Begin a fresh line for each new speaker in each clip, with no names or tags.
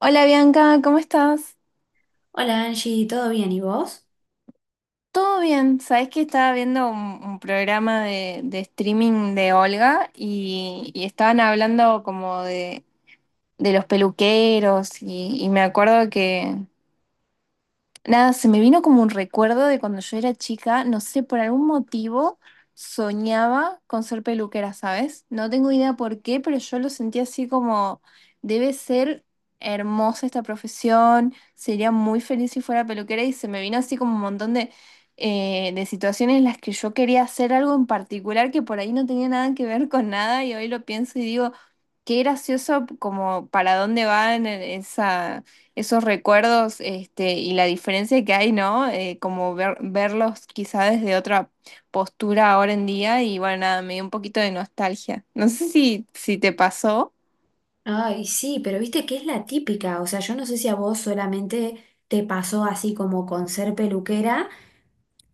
Hola Bianca, ¿cómo estás?
Hola Angie, ¿todo bien? ¿Y vos?
Todo bien. Sabes que estaba viendo un programa de streaming de Olga y, estaban hablando como de los peluqueros y, me acuerdo que Nada, se me vino como un recuerdo de cuando yo era chica, no sé, por algún motivo soñaba con ser peluquera, ¿sabes? No tengo idea por qué, pero yo lo sentía así como, debe ser hermosa esta profesión, sería muy feliz si fuera peluquera. Y se me vino así como un montón de situaciones en las que yo quería hacer algo en particular que por ahí no tenía nada que ver con nada, y hoy lo pienso y digo, qué gracioso como para dónde van esa esos recuerdos. Este, y la diferencia que hay, ¿no? Como verlos quizá desde otra postura ahora en día. Y bueno, nada, me dio un poquito de nostalgia. No sé si te pasó.
Ay, sí, pero viste que es la típica, o sea, yo no sé si a vos solamente te pasó así como con ser peluquera.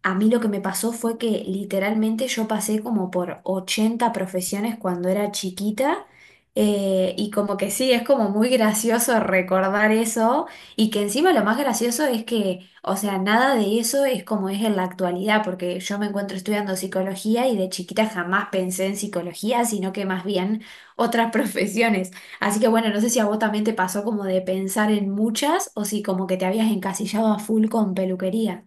A mí lo que me pasó fue que literalmente yo pasé como por 80 profesiones cuando era chiquita, y como que sí, es como muy gracioso recordar eso, y que encima lo más gracioso es que, o sea, nada de eso es como es en la actualidad porque yo me encuentro estudiando psicología, y de chiquita jamás pensé en psicología, sino que más bien otras profesiones. Así que bueno, no sé si a vos también te pasó como de pensar en muchas, o si como que te habías encasillado a full con peluquería.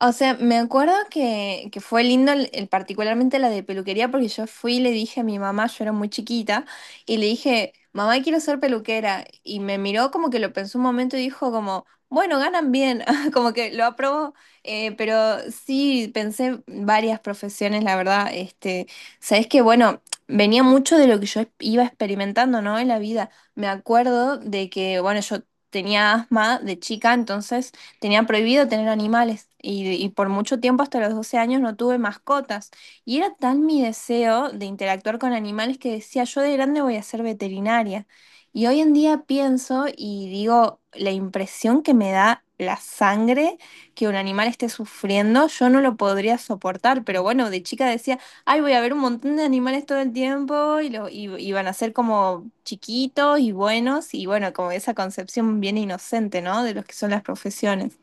O sea, me acuerdo que fue lindo particularmente la de peluquería, porque yo fui y le dije a mi mamá, yo era muy chiquita, y le dije, mamá, quiero ser peluquera. Y me miró como que lo pensó un momento y dijo como, bueno, ganan bien, como que lo aprobó. Pero sí, pensé varias profesiones, la verdad. Este, sabes que, bueno, venía mucho de lo que yo iba experimentando, ¿no? En la vida. Me acuerdo de que, bueno, yo tenía asma de chica, entonces... Tenía prohibido tener animales y, por mucho tiempo, hasta los 12 años, no tuve mascotas. Y era tan mi deseo de interactuar con animales que decía, yo de grande voy a ser veterinaria. Y hoy en día pienso y digo, la impresión que me da la sangre que un animal esté sufriendo, yo no lo podría soportar, pero bueno, de chica decía... Ay, voy a ver un montón de animales todo el tiempo y, y van a ser como chiquitos y buenos. Y bueno, como esa concepción bien inocente, ¿no? De los que son las profesiones.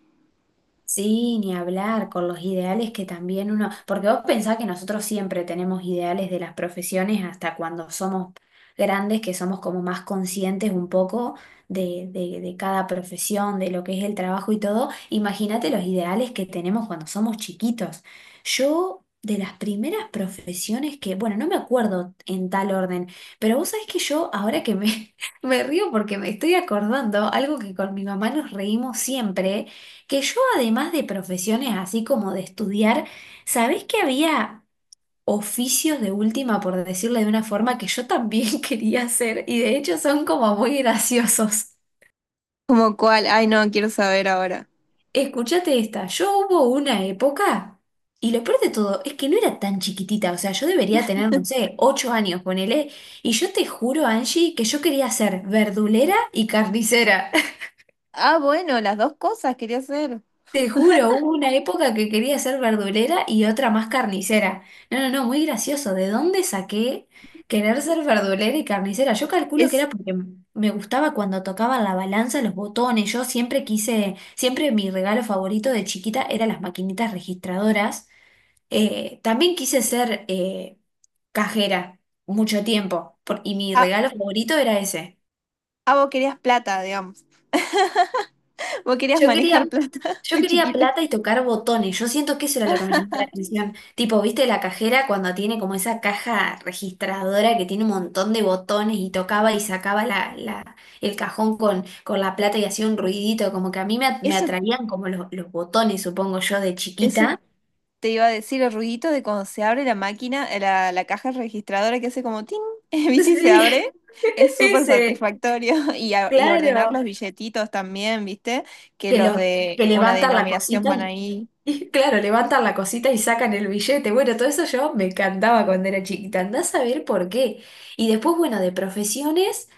Sí, ni hablar con los ideales que también uno, porque vos pensás que nosotros siempre tenemos ideales de las profesiones hasta cuando somos grandes, que somos como más conscientes un poco de cada profesión, de lo que es el trabajo y todo. Imagínate los ideales que tenemos cuando somos chiquitos. Yo, de las primeras profesiones que, bueno, no me acuerdo en tal orden, pero vos sabés que yo, ahora que me, me río porque me estoy acordando, algo que con mi mamá nos reímos siempre, que yo, además de profesiones así como de estudiar, ¿sabés que había oficios de última, por decirlo de una forma, que yo también quería hacer? Y de hecho son como muy graciosos.
¿Como cuál? Ay no, quiero saber ahora.
Escúchate esta, yo hubo una época, y lo peor de todo es que no era tan chiquitita, o sea, yo debería tener, no sé, 8 años, ponele, y yo te juro, Angie, que yo quería ser verdulera y carnicera.
Ah, bueno, las dos cosas quería hacer.
Te juro, hubo una época que quería ser verdulera y otra más carnicera. No, no, no, muy gracioso. ¿De dónde saqué querer ser verdulera y carnicera? Yo calculo que
Es,
era porque me gustaba cuando tocaban la balanza, los botones. Yo siempre quise, siempre mi regalo favorito de chiquita era las maquinitas registradoras. También quise ser cajera mucho tiempo y mi
ah,
regalo favorito era ese.
ah, vos querías plata, digamos. Vos querías
Yo quería,
manejar plata
yo
de
quería
chiquita.
plata y tocar botones. Yo siento que eso era lo que me llamaba la atención. Tipo, ¿viste la cajera cuando tiene como esa caja registradora que tiene un montón de botones y tocaba y sacaba el cajón con la plata y hacía un ruidito? Como que a mí me, me
Eso,
atraían como los botones, supongo yo, de
eso.
chiquita.
Te iba a decir el ruidito de cuando se abre la máquina, la caja registradora que hace como tin, ¿viste? Y se
Sí,
abre. Es súper
ese,
satisfactorio. Y, y ordenar los
claro.
billetitos también, ¿viste? Que
Que,
los
lo, que
de una
levantan la
denominación
cosita.
van ahí.
Y claro, levantan la cosita y sacan el billete. Bueno, todo eso yo me encantaba cuando era chiquita. Andás a ver por qué. Y después, bueno, de profesiones,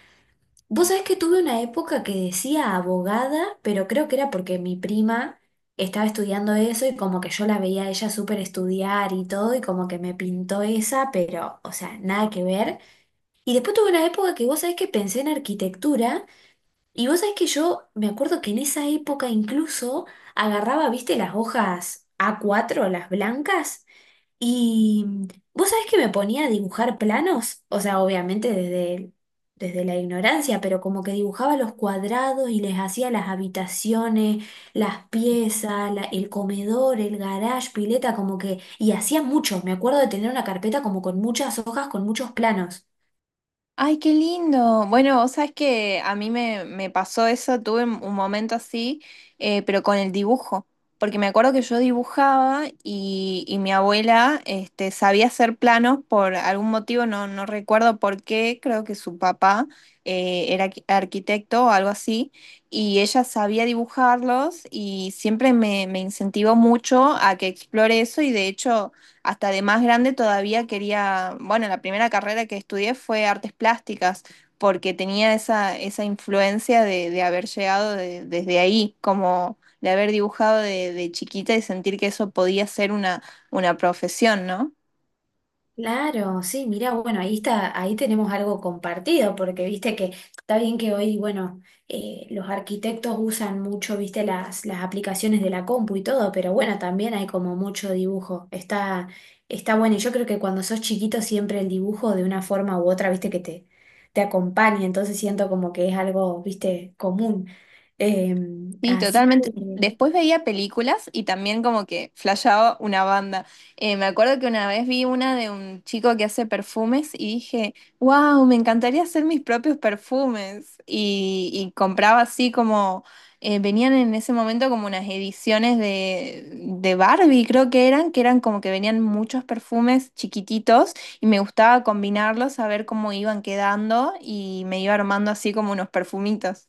vos sabés que tuve una época que decía abogada, pero creo que era porque mi prima estaba estudiando eso y como que yo la veía a ella súper estudiar y todo, y como que me pintó esa, pero, o sea, nada que ver. Y después tuve una época que vos sabés que pensé en arquitectura. Y vos sabés que yo me acuerdo que en esa época incluso agarraba, viste, las hojas a cuatro, las blancas, y vos sabés que me ponía a dibujar planos, o sea, obviamente desde la ignorancia, pero como que dibujaba los cuadrados y les hacía las habitaciones, las piezas, el comedor, el garage, pileta, como que, y hacía muchos, me acuerdo de tener una carpeta como con muchas hojas, con muchos planos.
Ay, qué lindo. Bueno, vos sabés que a mí me pasó eso, tuve un momento así, pero con el dibujo, porque me acuerdo que yo dibujaba y, mi abuela este, sabía hacer planos por algún motivo, no, no recuerdo por qué, creo que su papá era arquitecto o algo así, y ella sabía dibujarlos y siempre me incentivó mucho a que explore eso, y de hecho hasta de más grande todavía quería. Bueno, la primera carrera que estudié fue artes plásticas, porque tenía esa influencia de haber llegado desde ahí, como de haber dibujado de chiquita, y sentir que eso podía ser una profesión, ¿no?
Claro, sí, mira, bueno, ahí está, ahí tenemos algo compartido, porque viste que está bien que hoy, bueno, los arquitectos usan mucho, viste, las aplicaciones de la compu y todo, pero bueno, también hay como mucho dibujo. Está, está bueno, y yo creo que cuando sos chiquito siempre el dibujo de una forma u otra, viste, que te acompaña, entonces siento como que es algo, viste, común.
Sí,
Así que
totalmente. Después veía películas y también como que flashaba una banda. Me acuerdo que una vez vi una de un chico que hace perfumes y dije, wow, me encantaría hacer mis propios perfumes. Y, compraba así como, venían en ese momento como unas ediciones de Barbie, creo que eran como que venían muchos perfumes chiquititos, y me gustaba combinarlos, a ver cómo iban quedando, y me iba armando así como unos perfumitos.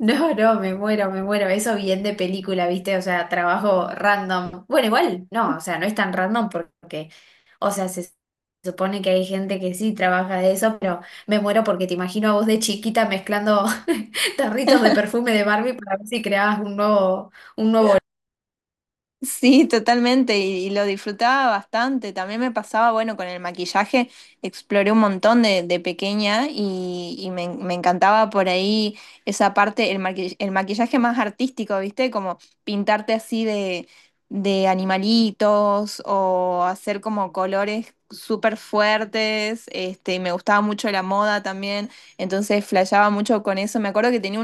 no, no, me muero, me muero. Eso bien de película, ¿viste? O sea, trabajo random. Bueno, igual, no, o sea, no es tan random porque, o sea, se supone que hay gente que sí trabaja de eso, pero me muero porque te imagino a vos de chiquita mezclando tarritos de perfume de Barbie para ver si creabas un nuevo, un nuevo.
Sí, totalmente, y, lo disfrutaba bastante. También me pasaba, bueno, con el maquillaje, exploré un montón de pequeña, y, me encantaba por ahí esa parte, el el maquillaje más artístico, ¿viste? Como pintarte así de animalitos, o hacer como colores súper fuertes. Este, me gustaba mucho la moda también, entonces flasheaba mucho con eso. Me acuerdo que tenía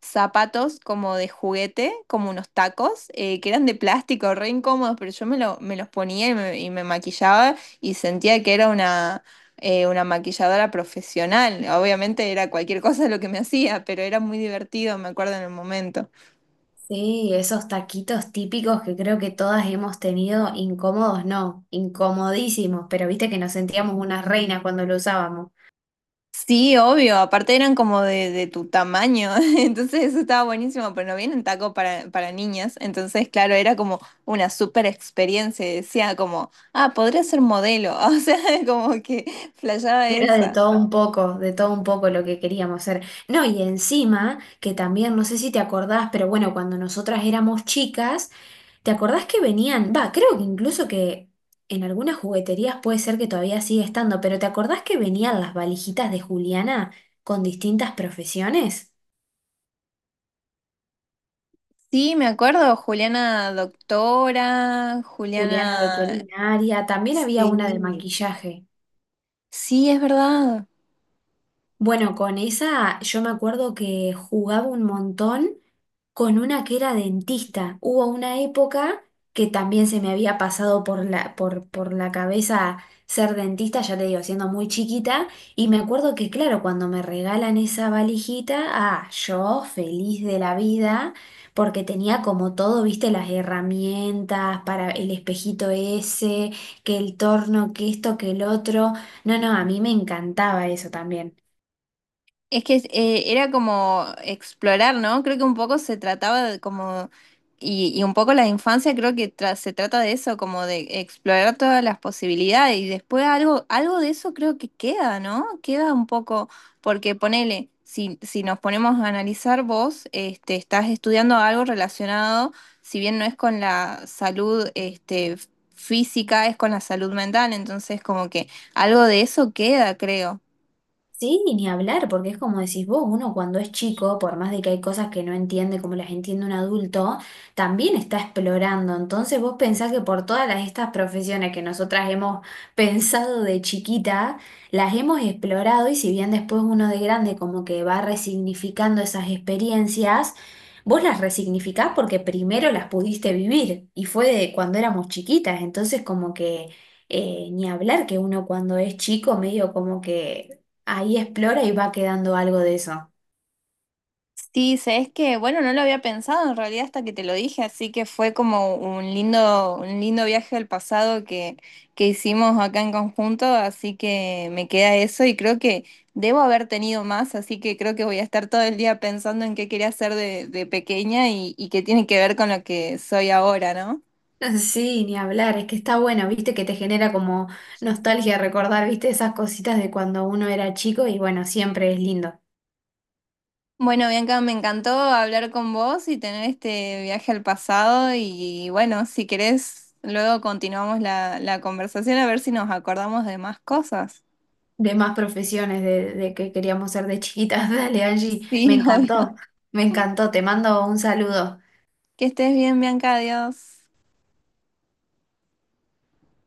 zapatos como de juguete, como unos tacos, que eran de plástico, re incómodos, pero yo me los ponía y y me maquillaba y sentía que era una maquilladora profesional. Obviamente era cualquier cosa lo que me hacía, pero era muy divertido, me acuerdo en el momento.
Sí, esos taquitos típicos que creo que todas hemos tenido, incómodos, no, incomodísimos, pero viste que nos sentíamos unas reinas cuando lo usábamos.
Sí, obvio, aparte eran como de tu tamaño, entonces eso estaba buenísimo, pero no vienen tacos para, niñas, entonces claro, era como una super experiencia, y decía como, ah, podría ser modelo, o sea, como que flasheaba
Era de
esa.
todo un poco, de todo un poco lo que queríamos hacer. No, y encima, que también, no sé si te acordás, pero bueno, cuando nosotras éramos chicas, ¿te acordás que venían? Va, creo que incluso que en algunas jugueterías puede ser que todavía sigue estando, pero ¿te acordás que venían las valijitas de Juliana con distintas profesiones?
Sí, me acuerdo, Juliana Doctora,
Juliana
Juliana...
veterinaria, también había
Sí,
una de maquillaje.
sí, es verdad.
Bueno, con esa yo me acuerdo que jugaba un montón, con una que era dentista. Hubo una época que también se me había pasado por la, por la cabeza ser dentista, ya te digo, siendo muy chiquita, y me acuerdo que, claro, cuando me regalan esa valijita, ah, yo feliz de la vida, porque tenía como todo, viste, las herramientas para el espejito ese, que el torno, que esto, que el otro. No, no, a mí me encantaba eso también.
Es que era como explorar, ¿no? Creo que un poco se trataba de como, y, un poco la infancia creo que se trata de eso, como de explorar todas las posibilidades, y después algo, algo de eso creo que queda, ¿no? Queda un poco, porque ponele, si nos ponemos a analizar vos, este, estás estudiando algo relacionado, si bien no es con la salud, este, física, es con la salud mental, entonces como que algo de eso queda, creo.
Sí, y ni hablar, porque es como decís vos, uno cuando es chico, por más de que hay cosas que no entiende como las entiende un adulto, también está explorando. Entonces vos pensás que por todas las, estas profesiones que nosotras hemos pensado de chiquita, las hemos explorado, y si bien después uno de grande como que va resignificando esas experiencias, vos las resignificás porque primero las pudiste vivir y fue de cuando éramos chiquitas. Entonces como que ni hablar que uno cuando es chico medio como que ahí explora y va quedando algo de eso.
Sí, sabes que, bueno, no lo había pensado en realidad hasta que te lo dije, así que fue como un lindo viaje al pasado que, hicimos acá en conjunto, así que me queda eso, y creo que debo haber tenido más, así que creo que voy a estar todo el día pensando en qué quería hacer de pequeña, y, qué tiene que ver con lo que soy ahora, ¿no?
Sí, ni hablar, es que está bueno, viste que te genera como nostalgia recordar, viste esas cositas de cuando uno era chico, y bueno, siempre es lindo.
Bueno, Bianca, me encantó hablar con vos y tener este viaje al pasado, y bueno, si querés, luego continuamos la conversación, a ver si nos acordamos de más cosas.
De más profesiones de que queríamos ser de chiquitas. Dale, Angie,
Sí, obvio.
me encantó, te mando un saludo.
Que estés bien, Bianca, adiós.